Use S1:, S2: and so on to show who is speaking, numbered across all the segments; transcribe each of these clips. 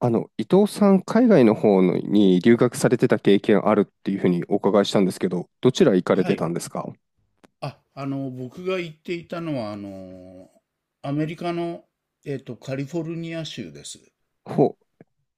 S1: あの、伊藤さん、海外の方のに留学されてた経験あるっていうふうにお伺いしたんですけど、どちら行かれ
S2: は
S1: てたん
S2: い。
S1: ですか？
S2: 僕が行っていたのは、アメリカの、カリフォルニア州です。
S1: ほ、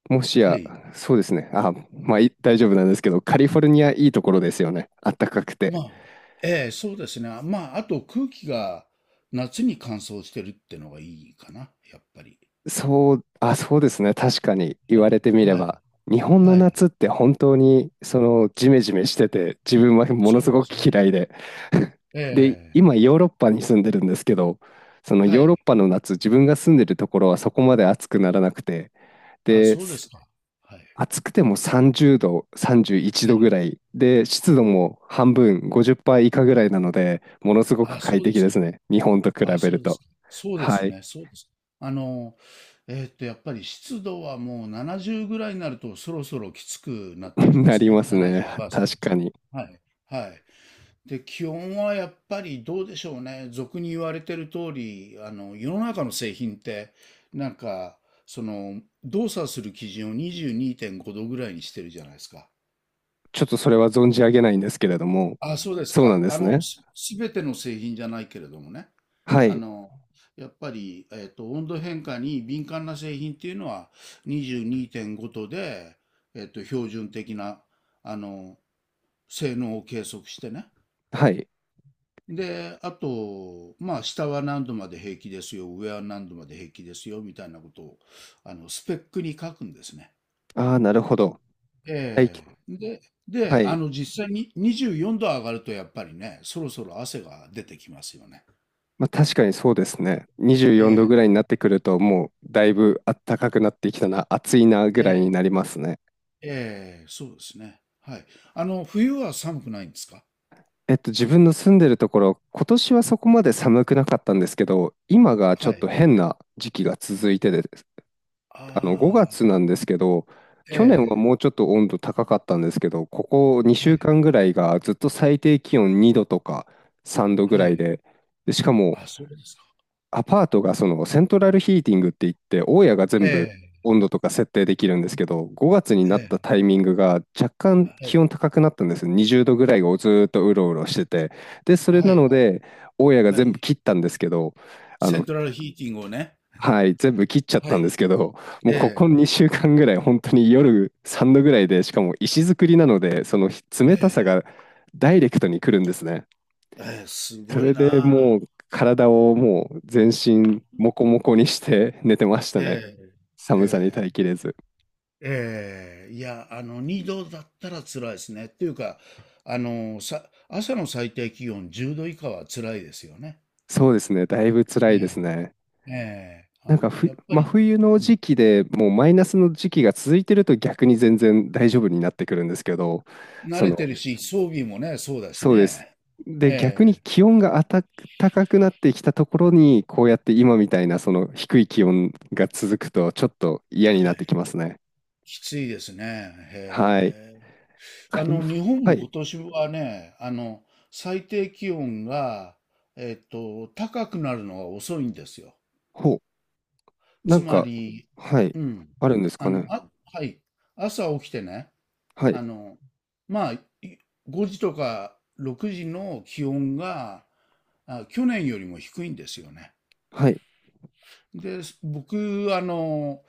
S1: もし
S2: は
S1: や、
S2: い。
S1: そうですね。あ、まあ、い大丈夫なんですけど、カリフォルニアいいところですよね。あったかくて。
S2: まあ、ええ、そうですね。まあ、あと空気が夏に乾燥してるってのがいいかな、やっぱり。
S1: そう、あ、そうですね。確かに言
S2: は
S1: わ
S2: い。
S1: れてみれ
S2: はい。
S1: ば、日本の
S2: はい。
S1: 夏って本当にそのジメジメしてて、自分はもの
S2: そう
S1: す
S2: で
S1: ごく
S2: すね。
S1: 嫌いで。
S2: え
S1: で、
S2: え、
S1: 今ヨーロッパに住んでるんですけど、その
S2: は
S1: ヨーロッ
S2: い。
S1: パの夏、自分が住んでるところはそこまで暑くならなくて、
S2: あ、
S1: で、
S2: そうで
S1: す
S2: すか。はい。
S1: 暑くても30度、31
S2: は
S1: 度ぐ
S2: い。
S1: らいで、湿度も半分、50%以下ぐらいなので、ものすごく
S2: あ、
S1: 快
S2: そうで
S1: 適
S2: す
S1: で
S2: か。
S1: すね。日本と比
S2: あ、
S1: べ
S2: そ
S1: る
S2: うです
S1: と。
S2: か。そうで
S1: は
S2: す
S1: い。
S2: ね、そうです。あの、やっぱり湿度はもう70ぐらいになるとそろそろきつくなってき ま
S1: な
S2: す
S1: りま
S2: ね。
S1: すね。
S2: 70%。
S1: 確かに。
S2: はい。はい。で、気温はやっぱりどうでしょうね。俗に言われてる通り、世の中の製品って、なんか、その、動作する基準を22.5度ぐらいにしてるじゃないですか。
S1: ちょっとそれは存じ上げないんですけれども、
S2: あ、そうです
S1: そうなん
S2: か。
S1: ですね。
S2: すべての製品じゃないけれどもね。
S1: は
S2: あ
S1: い。
S2: の、やっぱり、温度変化に敏感な製品っていうのは22.5度で、標準的な、あの、性能を計測してね。
S1: はい。
S2: で、あと、まあ、下は何度まで平気ですよ、上は何度まで平気ですよ、みたいなことを、スペックに書くんですね。
S1: ああ、なるほど。はい。
S2: ええ。で、
S1: は
S2: で、
S1: い。
S2: 実際に24度上がると、やっぱりね、そろそろ汗が出てきますよね。
S1: まあ、確かにそうですね。24
S2: え
S1: 度ぐら
S2: え、
S1: いになってくると、もうだいぶ暖かくなってきたな、暑いなぐ
S2: え
S1: らいに
S2: え、
S1: なりますね。
S2: ええ、そうですね。はい。冬は寒くないんですか？
S1: えっと、自分の住んでるところ、今年はそこまで寒くなかったんですけど、今がちょ
S2: は
S1: っと
S2: い。
S1: 変な時期が続いてで、あの、5
S2: ああ、
S1: 月なんですけど、
S2: え
S1: 去年は
S2: え、
S1: もうちょっと温度高かったんですけど、ここ2
S2: はい、
S1: 週間ぐらいがずっと最低気温2度とか3度ぐ
S2: は
S1: らい
S2: い。
S1: で、でしかも
S2: あ、そうですか。
S1: アパートがそのセントラルヒーティングって言って、大家が
S2: え
S1: 全部
S2: え、
S1: 温度とか設定できるんですけど、5月に
S2: え
S1: なっ
S2: え、
S1: たタイミングが若干
S2: は
S1: 気
S2: い、
S1: 温高くなったんです。20度ぐらいをずっとうろうろしてて。で、それ
S2: は
S1: な
S2: い、
S1: の
S2: はい、
S1: で、大家が
S2: は
S1: 全部
S2: い。
S1: 切ったんですけど、あ
S2: セ
S1: の、
S2: ントラルヒーティングをね。
S1: はい、全部切っちゃっ
S2: は
S1: たんで
S2: い。
S1: すけど、も
S2: え
S1: うここ
S2: え、
S1: 2週間ぐらい、本当に夜3度ぐらいで、しかも石造りなので、その
S2: え
S1: 冷たさ
S2: え、
S1: がダイレクトに来るんですね。
S2: ええ、す
S1: そ
S2: ごい
S1: れでも
S2: な。
S1: う体
S2: う
S1: を
S2: ん。
S1: もう全身モコモコにして寝てましたね。
S2: え
S1: 寒さに耐
S2: え、え
S1: えきれず。
S2: え、ええ、いや、2度だったら辛いですね。っていうか、朝の最低気温10度以下は辛いですよね。
S1: そうですね、だいぶ辛
S2: え
S1: いです
S2: え
S1: ね。
S2: ええ、
S1: なんか
S2: やっぱ
S1: 真
S2: り、
S1: 冬の
S2: うん、
S1: 時期でもうマイナスの時期が続いてると逆に全然大丈夫になってくるんですけど、
S2: 慣
S1: そ
S2: れ
S1: の
S2: てるし、装備もね、そうだし
S1: そうです。
S2: ね。
S1: で、逆に
S2: え
S1: 気温が高くなってきたところに、こうやって今みたいなその低い気温が続くと、ちょっと嫌に
S2: え、
S1: な
S2: は
S1: ってき
S2: い。
S1: ますね。
S2: きついですね。
S1: はい。
S2: へえ。
S1: カリフ、
S2: 日本
S1: は
S2: も
S1: い。
S2: 今年はね、最低気温が、高くなるのが遅いんですよ。
S1: ほう。な
S2: つ
S1: ん
S2: ま
S1: か、
S2: り、
S1: はい。
S2: うん。
S1: あるんですかね。
S2: あ、はい。朝起きてね、
S1: はい。
S2: あの、まあ、5時とか6時の気温が、あ、去年よりも低いんですよね。
S1: はい。
S2: で、僕、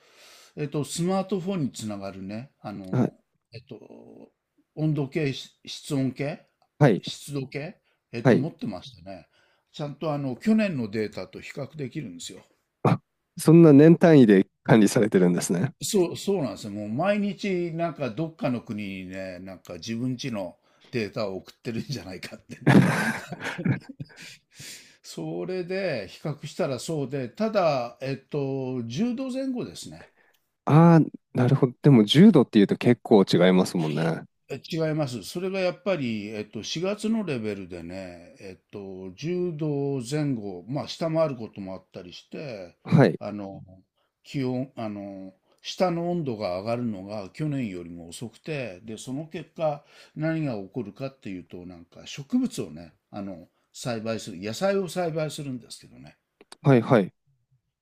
S2: スマートフォンにつながるね、
S1: はい。
S2: えっと、温度計、室温計、
S1: はい。
S2: 湿度計、
S1: はい。
S2: 持ってましたね。ちゃんと去年のデータと比較できるんですよ。
S1: あ、そんな年単位で管理されてるんですね。
S2: そう、そうなんですよ。もう毎日、なんかどっかの国にね、なんか自分家のデータを送ってるんじゃないかってね。それで比較したらそうで、ただ、10度前後ですね。
S1: ああ、なるほど。でも、10度っていうと結構違いますもんね。
S2: え、違います。それがやっぱり、4月のレベルでね、10度前後、まあ、下回ることもあったりして、
S1: はい。
S2: あの、気温、下の温度が上がるのが去年よりも遅くて、で、その結果、何が起こるかっていうと、なんか植物をね、栽培する、野菜を栽培するんですけどね、
S1: はい。はい。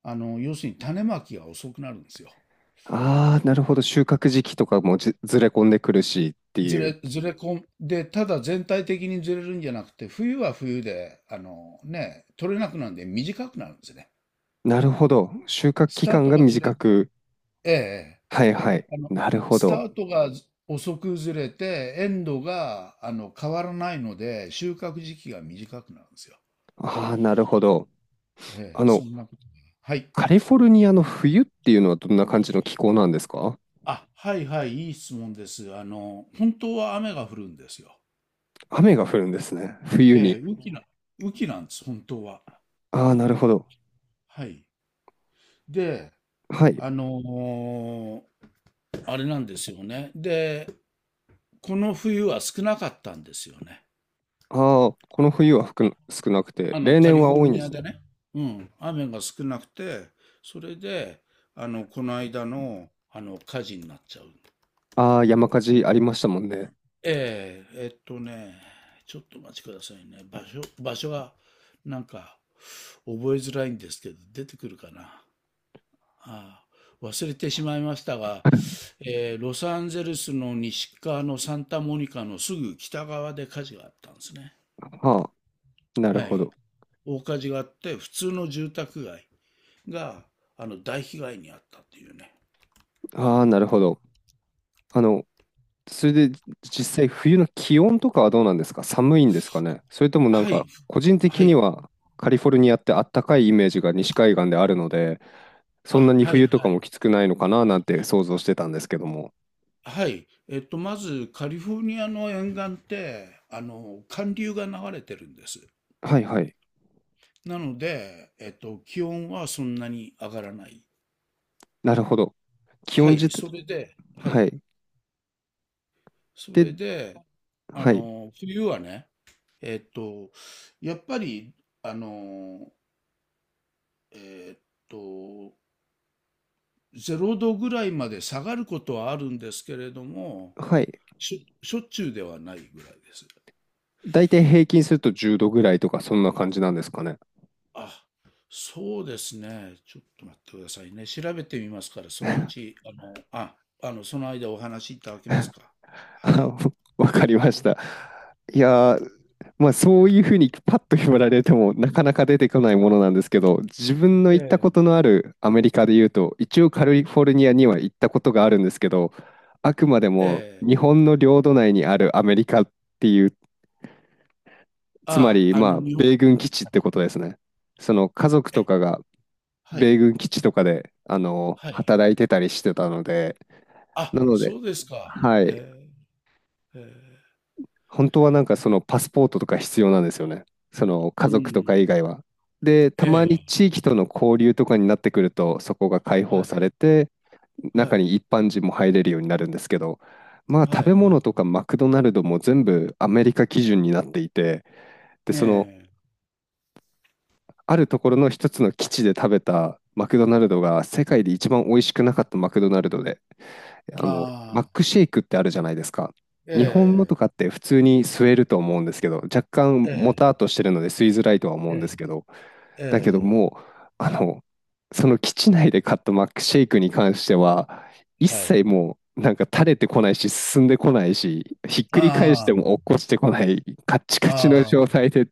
S2: 要するに種まきが遅くなるんですよ。
S1: ああ、なるほど。収穫時期とかもずれ込んでくるしっていう。
S2: ずれ込んで、ただ全体的にずれるんじゃなくて、冬は冬で、取れなくなるんで短くなるんですね。
S1: なるほど。収穫
S2: ス
S1: 期
S2: ター
S1: 間
S2: ト
S1: が
S2: がずれ、
S1: 短く。
S2: ええ、
S1: はいはい。
S2: あの、
S1: なるほ
S2: スタ
S1: ど。
S2: ートが遅くずれて、エンドが、変わらないので、収穫時期が短くなるんですよ。
S1: ああ、なるほど。
S2: ええ、
S1: あ
S2: そ
S1: の、
S2: んなこと。はい。
S1: カリフォルニアの冬っていうのはどんな感じの気候なんですか？
S2: あ、はいはい、いい質問です。本当は雨が降るんですよ。
S1: 雨が降るんですね。冬に。
S2: ええ、雨季なんです、本当は。
S1: ああ、なるほど。
S2: はい。で、
S1: はい。
S2: あのーあれなんですよね。で、この冬は少なかったんですよね。
S1: ああ、この冬は少なくて、例
S2: カ
S1: 年
S2: リ
S1: は
S2: フォ
S1: 多
S2: ル
S1: いんで
S2: ニア
S1: す
S2: で
S1: ね。
S2: ね。うん、雨が少なくて、それで、この間の、火事になっちゃう。
S1: ああ、山火事ありましたもんね。
S2: ええ、ちょっとお待ちくださいね。場所は、なんか、覚えづらいんですけど、出てくるかな。ああ、忘れてしまいましたが、ロサンゼルスの西側のサンタモニカのすぐ北側で火事があったんですね。
S1: ああ、なる
S2: は
S1: ほ
S2: い、
S1: ど。
S2: 大火事があって、普通の住宅街が、大被害に遭ったっていうね。
S1: ああ、なるほど。あの、それで実際冬の気温とかはどうなんですか？寒いんですかね？それともなん
S2: はい、
S1: か個人
S2: は
S1: 的
S2: い、
S1: には、カリフォルニアってあったかいイメージが西海岸であるので、そんな
S2: あ、
S1: に
S2: はい
S1: 冬とか
S2: は
S1: も
S2: い。
S1: きつくないのかななんて想像してたんですけども。
S2: はい。まず、カリフォルニアの沿岸って、寒流が流れてるんです。
S1: はいはい、
S2: なので、気温はそんなに上がらない。
S1: なるほど。気
S2: は
S1: 温自
S2: い、
S1: 体、
S2: それで、は
S1: は
S2: い、
S1: い、
S2: それ
S1: で、
S2: で、
S1: はい
S2: 冬はね、えっと、やっぱり、あの、えっと、0度ぐらいまで下がることはあるんですけれども、
S1: はい、
S2: しょっちゅうではないぐらいです。
S1: 大体平均すると10度ぐらいとかそんな感じなんですかね？
S2: あ、そうですね。ちょっと待ってくださいね。調べてみますから、そのう ち、その間お話しいただけますか？は
S1: あ、
S2: い。
S1: わかりました。いやー、まあそういうふうにパッと言われてもなかなか出てこないものなんですけど、自分の
S2: え
S1: 行ったこと
S2: え、
S1: のあるアメリカで言うと、一応カリフォルニアには行ったことがあるんですけど、あくまで
S2: え
S1: も
S2: え。
S1: 日本の領土内にあるアメリカっていう、つま
S2: あ、
S1: りまあ
S2: 日本、
S1: 米軍基地ってことですね。その家族
S2: え、
S1: とかが
S2: は
S1: 米
S2: い、
S1: 軍基地とかであの
S2: はい。
S1: 働いてたりしてたので、
S2: あ、
S1: なので、
S2: そうですか。
S1: は
S2: へ
S1: い。
S2: え、へえ、
S1: 本当はなんかそのパスポートとか必要なんですよね。その家
S2: う
S1: 族とか
S2: ん、
S1: 以外は。で、たまに
S2: え
S1: 地域との交流とかになってくると、そこが開
S2: え、
S1: 放
S2: は
S1: さ
S2: い、
S1: れて、
S2: は
S1: 中に
S2: い、
S1: 一般人も入れるようになるんですけど、まあ
S2: は
S1: 食べ
S2: い、は
S1: 物
S2: い。
S1: とかマクドナルドも全部アメリカ基準になっていて、で、その
S2: ね
S1: あるところの一つの基地で食べたマクドナルドが世界で一番美味しくなかったマクドナルドで、
S2: え、
S1: あの、
S2: あ
S1: マッ
S2: あ、
S1: クシェイクってあるじゃないですか。日本の
S2: え
S1: とかって普通に吸えると思うんですけど、若干
S2: え、え
S1: もたっ
S2: え、
S1: としてるので吸いづらいとは思うんですけど、
S2: ええ
S1: だけど
S2: え
S1: もう、あの、その基地内で買ったマックシェイクに関しては、一
S2: え、は
S1: 切
S2: い。
S1: もう、なんか垂れてこないし、進んでこないし、ひっくり返して
S2: あ
S1: も落っこちてこない、カッチ
S2: あ、
S1: カチの
S2: ああ、
S1: 状態で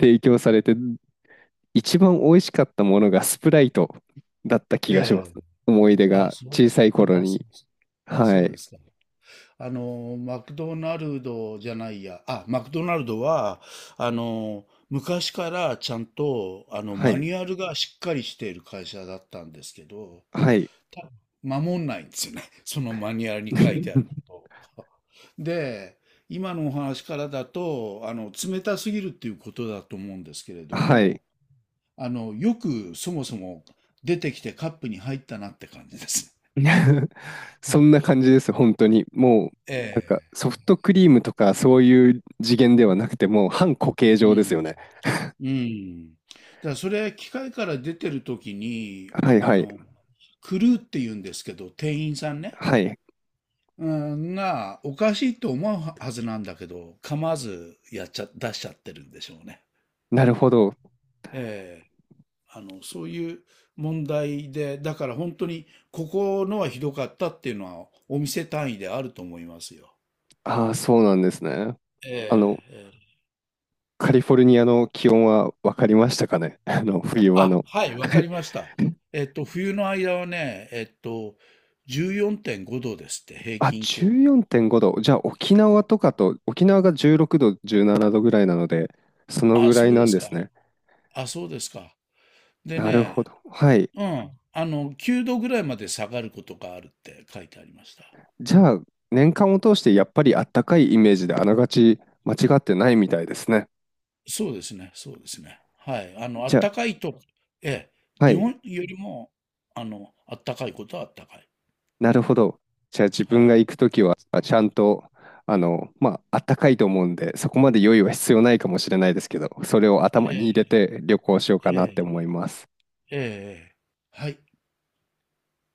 S1: 提供されて、一番美味しかったものがスプライトだった気がします。
S2: ええ、
S1: 思い出
S2: あ、
S1: が
S2: そうで
S1: 小
S2: す
S1: さい
S2: ね。
S1: 頃
S2: あ、そ
S1: に。
S2: うです。あ、
S1: は
S2: そうで
S1: い。
S2: すか。マクドナルドじゃないや。あ、マクドナルドは、あの、昔からちゃんと、
S1: は
S2: マ
S1: い。
S2: ニュアルがしっかりしている会社だったんですけど、
S1: はい。
S2: た守んないんですよね。そのマニュアルに書いてあること を。で、今のお話からだと、冷たすぎるっていうことだと思うんですけれど
S1: はい。
S2: も、よくそもそも出てきてカップに入ったなって感じです。
S1: そんな感じです、本当に。もう、な
S2: え
S1: んか、ソフ
S2: え。
S1: トクリームとか、そういう次元ではなくて、もう、半固形
S2: う
S1: 状ですよ
S2: ん。
S1: ね。
S2: うん。だからそれ、機械から出てる時に、
S1: はい
S2: あ
S1: はい。
S2: の、クルーって言うんですけど、店員さんね。
S1: はい。
S2: うん、が、おかしいと思うははずなんだけど、構わずやっちゃ、出しちゃってるんでしょうね。
S1: なるほど。
S2: ええ。そういう問題で、だから本当に、ここのはひどかったっていうのは、お店単位であると思いますよ。
S1: ああ、そうなんですね。あの、
S2: ええ。
S1: カリフォルニアの気温は分かりましたかね。あの、冬場
S2: あ、
S1: の。
S2: はい、わ
S1: は
S2: か
S1: い。
S2: りました。冬の間はね、14.5度ですって、平
S1: あ、
S2: 均気温。
S1: 14.5度。じゃあ、沖縄とかと、沖縄が16度、17度ぐらいなので、そのぐ
S2: あ、
S1: らい
S2: そう
S1: な
S2: で
S1: ん
S2: す
S1: で
S2: か。
S1: すね。
S2: あ、そうですか。で
S1: なるほ
S2: ね、
S1: ど。はい。
S2: うん、9度ぐらいまで下がることがあるって書いてありました。
S1: じゃあ、年間を通してやっぱりあったかいイメージであながち間違ってないみたいですね。
S2: そうですね、そうですね。はい、
S1: じゃ
S2: 暖かいと、ええ、
S1: あ、は
S2: 日
S1: い、
S2: 本よりも、あの、暖かいことは暖かい。
S1: なるほど。じゃあ自
S2: は
S1: 分が
S2: い。
S1: 行くときは、あ、ちゃんと、あの、まあ、あったかいと思うんで、そこまで用意は必要ないかもしれないですけど、それを
S2: え
S1: 頭に入れ
S2: え、
S1: て旅行しようか
S2: え
S1: なって思い
S2: え、
S1: ます。
S2: ええ、ええはい。